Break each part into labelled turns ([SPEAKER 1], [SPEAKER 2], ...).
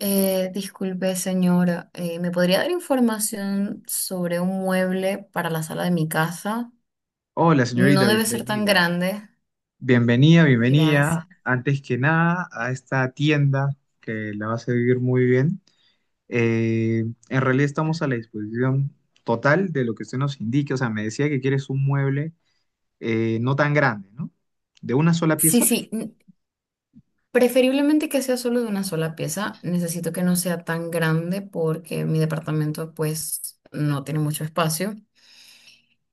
[SPEAKER 1] Disculpe, señora, ¿me podría dar información sobre un mueble para la sala de mi casa?
[SPEAKER 2] Hola,
[SPEAKER 1] No
[SPEAKER 2] señorita,
[SPEAKER 1] debe ser tan
[SPEAKER 2] bienvenida.
[SPEAKER 1] grande.
[SPEAKER 2] Bienvenida,
[SPEAKER 1] Gracias.
[SPEAKER 2] bienvenida, antes que nada, a esta tienda que la vas a vivir muy bien. En realidad estamos a la disposición total de lo que usted nos indique. O sea, me decía que quieres un mueble no tan grande, ¿no? ¿De una sola
[SPEAKER 1] Sí,
[SPEAKER 2] pieza?
[SPEAKER 1] sí, mm, Preferiblemente que sea solo de una sola pieza. Necesito que no sea tan grande porque mi departamento pues no tiene mucho espacio.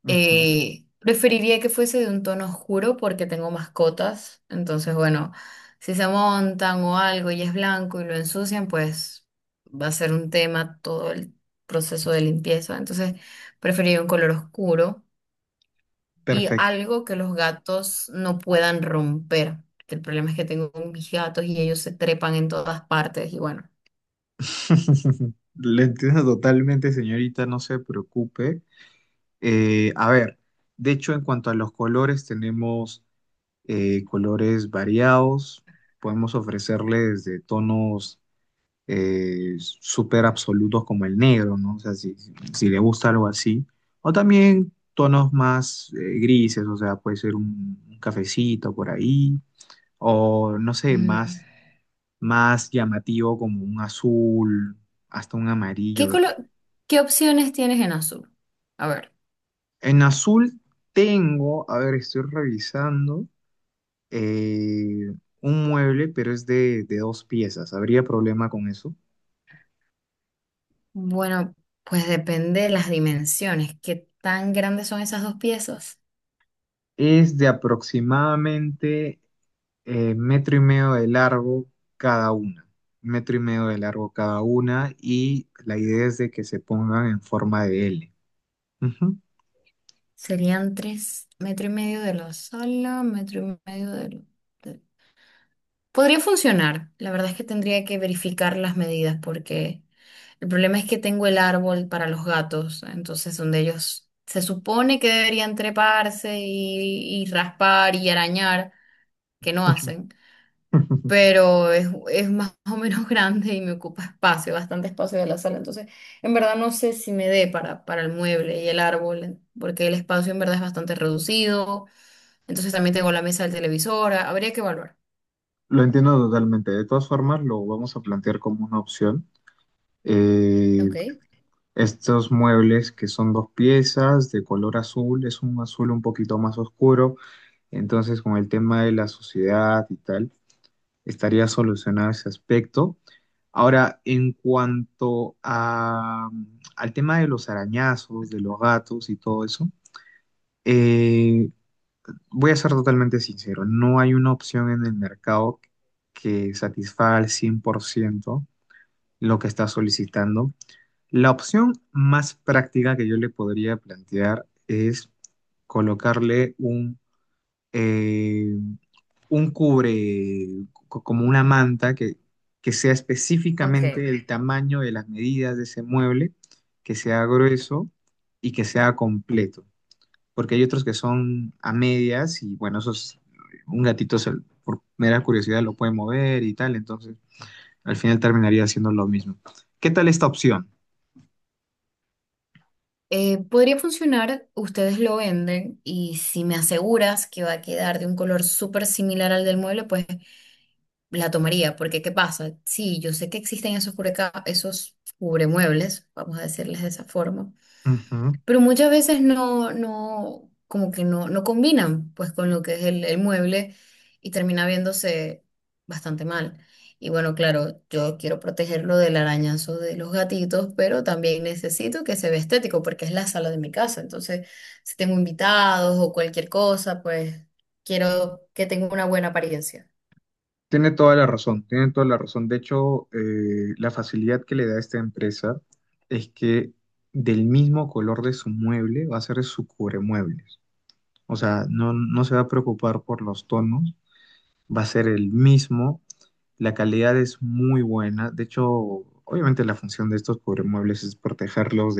[SPEAKER 2] Ujú.
[SPEAKER 1] Preferiría que fuese de un tono oscuro porque tengo mascotas, entonces bueno, si se montan o algo y es blanco y lo ensucian, pues va a ser un tema todo el proceso de limpieza. Entonces preferiría un color oscuro y
[SPEAKER 2] Perfecto.
[SPEAKER 1] algo que los gatos no puedan romper, que el problema es que tengo mis gatos y ellos se trepan en todas partes y bueno.
[SPEAKER 2] Le entiendo totalmente, señorita, no se preocupe. A ver, de hecho, en cuanto a los colores, tenemos colores variados. Podemos ofrecerles de tonos súper absolutos como el negro, ¿no? O sea, si le gusta algo así. O también tonos más grises, o sea, puede ser un cafecito por ahí. O no sé,
[SPEAKER 1] Mm,
[SPEAKER 2] más llamativo como un azul, hasta un
[SPEAKER 1] ¿Qué
[SPEAKER 2] amarillo.
[SPEAKER 1] color qué opciones tienes en azul? A ver.
[SPEAKER 2] En azul tengo, a ver, estoy revisando. eh, un mueble, pero es de dos piezas. ¿Habría problema con eso?
[SPEAKER 1] Bueno, pues depende de las dimensiones. ¿Qué tan grandes son esas dos piezas?
[SPEAKER 2] Es de aproximadamente metro y medio de largo cada una. Metro y medio de largo cada una y la idea es de que se pongan en forma de L. Ujú.
[SPEAKER 1] Serían tres metro y medio de lo solo, metro y medio de lo... de- Podría funcionar. La verdad es que tendría que verificar las medidas porque el problema es que tengo el árbol para los gatos, entonces donde ellos se supone que deberían treparse y, raspar y arañar, que no hacen. Pero es más o menos grande y me ocupa espacio, bastante espacio de la sala. Entonces, en verdad no sé si me dé para el mueble y el árbol, porque el espacio en verdad es bastante reducido. Entonces también tengo la mesa del televisor. Ah, habría que evaluar.
[SPEAKER 2] Lo entiendo totalmente. De todas formas, lo vamos a plantear como una opción. Eh,
[SPEAKER 1] Ok.
[SPEAKER 2] estos muebles que son dos piezas de color azul, es un azul un poquito más oscuro. Entonces, con el tema de la sociedad y tal, estaría solucionado ese aspecto. Ahora, en cuanto a, al tema de los arañazos, de los gatos y todo eso, eh, voy a ser totalmente sincero, no hay una opción en el mercado que satisfaga al 100% lo que está solicitando. La opción más práctica que yo le podría plantear es colocarle eh, un como una manta que sea
[SPEAKER 1] Ok.
[SPEAKER 2] específicamente el tamaño de las medidas de ese mueble, que sea grueso y que sea completo. Porque hay otros que son a medias y bueno, esos, un gatito se- por mera curiosidad lo puede mover y tal, entonces al final terminaría haciendo lo mismo. ¿Qué tal esta opción?
[SPEAKER 1] Podría funcionar, ustedes lo venden y si me aseguras que va a quedar de un color súper similar al del mueble, pues la tomaría, porque ¿qué pasa? Sí, yo sé que existen esos cubreca esos cubremuebles, vamos a decirles de esa forma.
[SPEAKER 2] Ujú.
[SPEAKER 1] Pero muchas veces como que no combinan pues con lo que es el mueble y termina viéndose bastante mal. Y bueno, claro, yo quiero protegerlo del arañazo de los gatitos, pero también necesito que se vea estético porque es la sala de mi casa. Entonces, si tengo invitados o cualquier cosa, pues quiero que tenga una buena apariencia.
[SPEAKER 2] Tiene toda la razón, tiene toda la razón. De hecho, la facilidad que le da esta empresa es que del mismo color de su mueble va a ser su cubremuebles. O sea, no se va a preocupar por los tonos, va a ser el mismo. La calidad es muy buena. De hecho, obviamente la función de estos cubremuebles es protegerlos,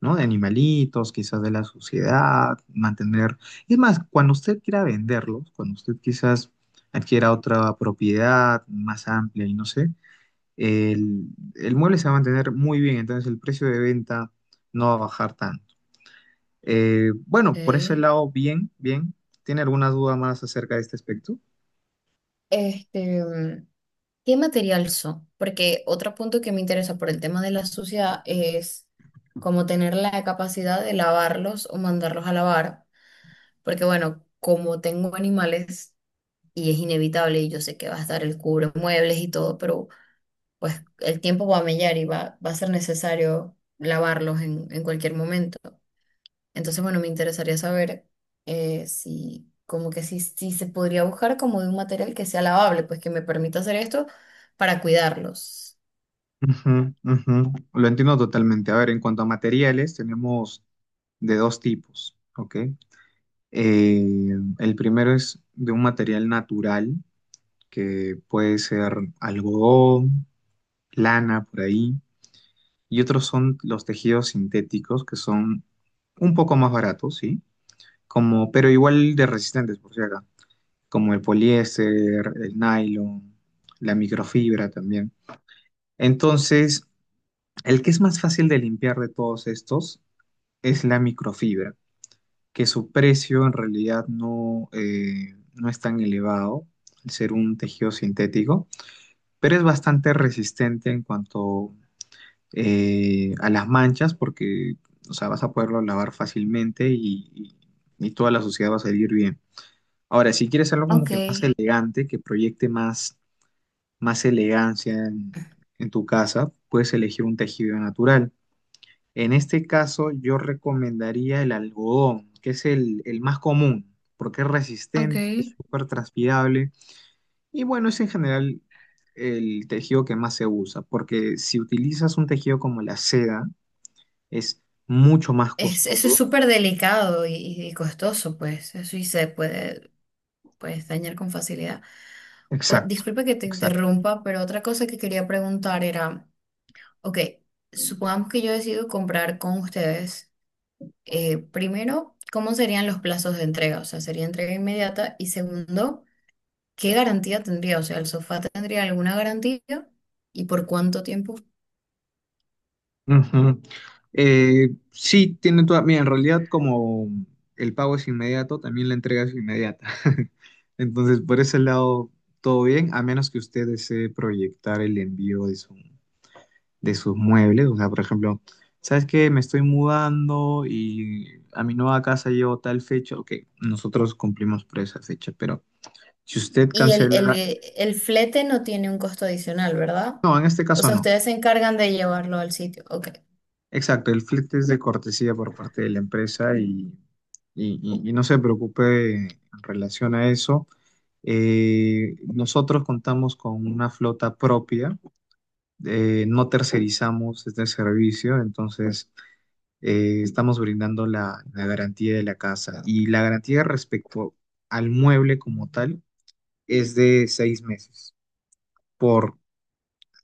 [SPEAKER 2] ¿no? De animalitos, quizás de la sociedad, mantener. Es más, cuando usted quiera venderlos, cuando usted quizás adquiera otra propiedad más amplia y no sé, el, el mueble se va a mantener muy bien, entonces el precio de venta no va a bajar tanto. Bueno, por ese
[SPEAKER 1] Ok.
[SPEAKER 2] lado, bien, bien. ¿Tiene alguna duda más acerca de este aspecto?
[SPEAKER 1] Este, mm, ¿Qué material son? Porque otro punto que me interesa por el tema de la suciedad es como tener la capacidad de lavarlos o mandarlos a lavar, porque bueno, como tengo animales y es inevitable y yo sé que va a estar el cubre muebles y todo, pero pues el tiempo va a mellar y va a ser necesario lavarlos en cualquier momento. Entonces, bueno, me interesaría saber si como que si se podría buscar como de un material que sea lavable, pues que me permita hacer esto para cuidarlos.
[SPEAKER 2] Ujú, ujú. Lo entiendo totalmente. A ver, en cuanto a materiales, tenemos de dos tipos, ¿ok? Eh, el primero es de un material natural, que puede ser algodón, lana, por ahí. Y otros son los tejidos sintéticos, que son un poco más baratos, ¿sí? Como, pero igual de resistentes, por si acá, como el poliéster, el nylon, la microfibra también. Entonces, el que es más fácil de limpiar de todos estos es la microfibra, que su precio en realidad no es tan elevado, al ser un tejido sintético, pero es bastante resistente en cuanto a las manchas, porque o sea, vas a poderlo lavar fácilmente y toda la suciedad va a salir bien. Ahora, si quieres algo como
[SPEAKER 1] Ok,
[SPEAKER 2] que más elegante, que proyecte más, más elegancia en tu casa, puedes elegir un tejido natural. En este caso, yo recomendaría el algodón, que es el más común, porque es
[SPEAKER 1] ok.
[SPEAKER 2] resistente, es súper transpirable y bueno, es en general el tejido que más se usa, porque si utilizas un tejido como la seda, es mucho más
[SPEAKER 1] Es, eso es
[SPEAKER 2] costoso.
[SPEAKER 1] súper delicado y costoso, pues. Eso y se puede, pues, dañar con facilidad.
[SPEAKER 2] Exacto,
[SPEAKER 1] Disculpa que te
[SPEAKER 2] exacto.
[SPEAKER 1] interrumpa, pero otra cosa que quería preguntar era, ok, supongamos que yo decido comprar con ustedes. Primero, ¿cómo serían los plazos de entrega? O sea, ¿sería entrega inmediata? Y segundo, ¿qué garantía tendría? O sea, ¿el sofá tendría alguna garantía? ¿Y por cuánto tiempo?
[SPEAKER 2] Ujú. Sí, tiene toda. Mira, en realidad, como el pago es inmediato, también la entrega es inmediata. Entonces, por ese lado, todo bien, a menos que usted desee proyectar el envío de de sus muebles. O sea, por ejemplo, ¿sabes qué? Me estoy mudando y a mi nueva casa llevo tal fecha. Ok, nosotros cumplimos por esa fecha, pero si usted
[SPEAKER 1] Y el,
[SPEAKER 2] cancela.
[SPEAKER 1] el, el flete no tiene un costo adicional, ¿verdad?
[SPEAKER 2] No, en este
[SPEAKER 1] O
[SPEAKER 2] caso
[SPEAKER 1] sea,
[SPEAKER 2] no.
[SPEAKER 1] ustedes se encargan de llevarlo al sitio. Ok.
[SPEAKER 2] Exacto, el flete es de cortesía por parte de la empresa y no se preocupe en relación a eso. Nosotros contamos con una flota propia, no tercerizamos este servicio, entonces estamos brindando la garantía de la casa y la garantía respecto al mueble como tal es de 6 meses por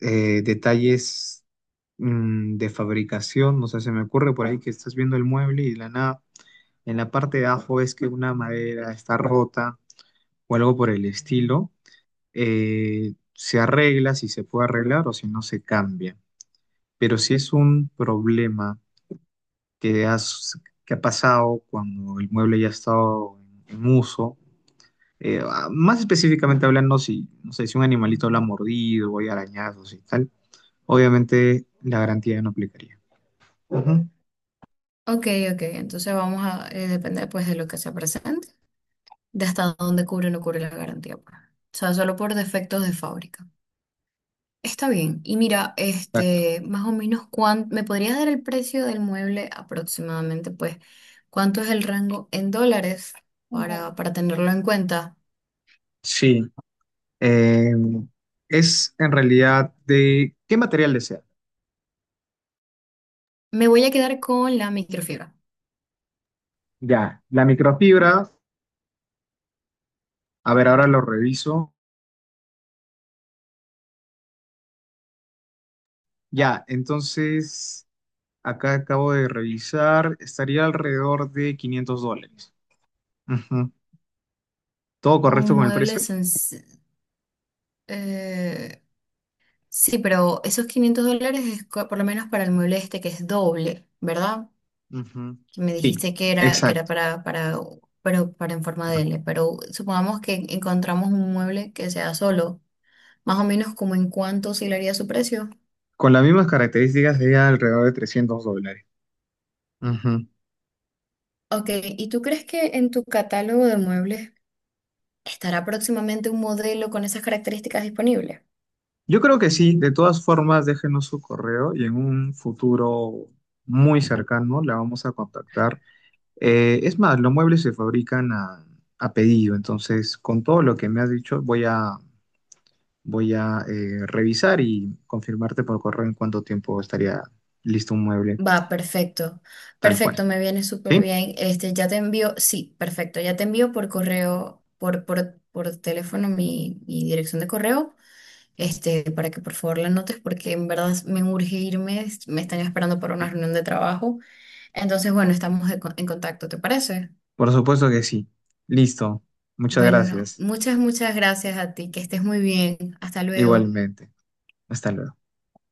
[SPEAKER 2] detalles de fabricación, no sé, se me ocurre por ahí que estás viendo el mueble y de la nada, en la parte de abajo es que una madera está rota o algo por el estilo, se arregla si se puede arreglar o si no se cambia. Pero si es un problema que ha pasado cuando el mueble ya ha estado en uso, más específicamente hablando, si, no sé, si un animalito lo ha mordido o hay arañazos y tal, obviamente la garantía no aplicaría. Ujú.
[SPEAKER 1] Ok, ok. Entonces vamos a depender pues de lo que se presente, de hasta dónde cubre o no cubre la garantía. Pues. O sea, solo por defectos de fábrica. Está bien. Y mira,
[SPEAKER 2] Exacto.
[SPEAKER 1] este, más o menos, ¿cuánto, me podrías dar el precio del mueble aproximadamente? Pues, ¿cuánto es el rango en dólares para tenerlo en cuenta?
[SPEAKER 2] Sí, eh, es en realidad de qué material desea.
[SPEAKER 1] Me voy a quedar con la microfibra.
[SPEAKER 2] Ya, la microfibra, a ver, ahora lo reviso. Ya, entonces, acá acabo de revisar, estaría alrededor de $500. Ujú. ¿Todo
[SPEAKER 1] Un
[SPEAKER 2] correcto con el
[SPEAKER 1] mueble
[SPEAKER 2] precio?
[SPEAKER 1] sencillo. Eh, sí, pero esos $500 es co- por lo menos para el mueble este que es doble, ¿verdad?
[SPEAKER 2] Ujú.
[SPEAKER 1] Que me
[SPEAKER 2] Sí,
[SPEAKER 1] dijiste que era
[SPEAKER 2] exacto.
[SPEAKER 1] pero para en forma de L, pero supongamos que encontramos un mueble que sea solo, más o menos como en cuánto oscilaría su precio.
[SPEAKER 2] Con las mismas características sería alrededor de $300. Ujú.
[SPEAKER 1] Ok, ¿y tú crees que en tu catálogo de muebles estará próximamente un modelo con esas características disponibles?
[SPEAKER 2] Yo creo que sí, de todas formas, déjenos su correo y en un futuro muy cercano la vamos a contactar. Es más, los muebles se fabrican a pedido, entonces con todo lo que me has dicho voy a revisar y confirmarte por correo en cuánto tiempo estaría listo un mueble
[SPEAKER 1] Va, perfecto.
[SPEAKER 2] tal
[SPEAKER 1] Perfecto,
[SPEAKER 2] cual.
[SPEAKER 1] me viene súper
[SPEAKER 2] ¿Sí?
[SPEAKER 1] bien. Este, ya te envío, sí, perfecto, ya te envío por correo, por teléfono mi dirección de correo, este, para que por favor la anotes, porque en verdad me urge irme, me están esperando para una reunión de trabajo. Entonces, bueno, estamos de en contacto, ¿te parece?
[SPEAKER 2] Por supuesto que sí. Listo. Muchas
[SPEAKER 1] Bueno,
[SPEAKER 2] gracias.
[SPEAKER 1] muchas gracias a ti, que estés muy bien. Hasta luego.
[SPEAKER 2] Igualmente. Hasta luego.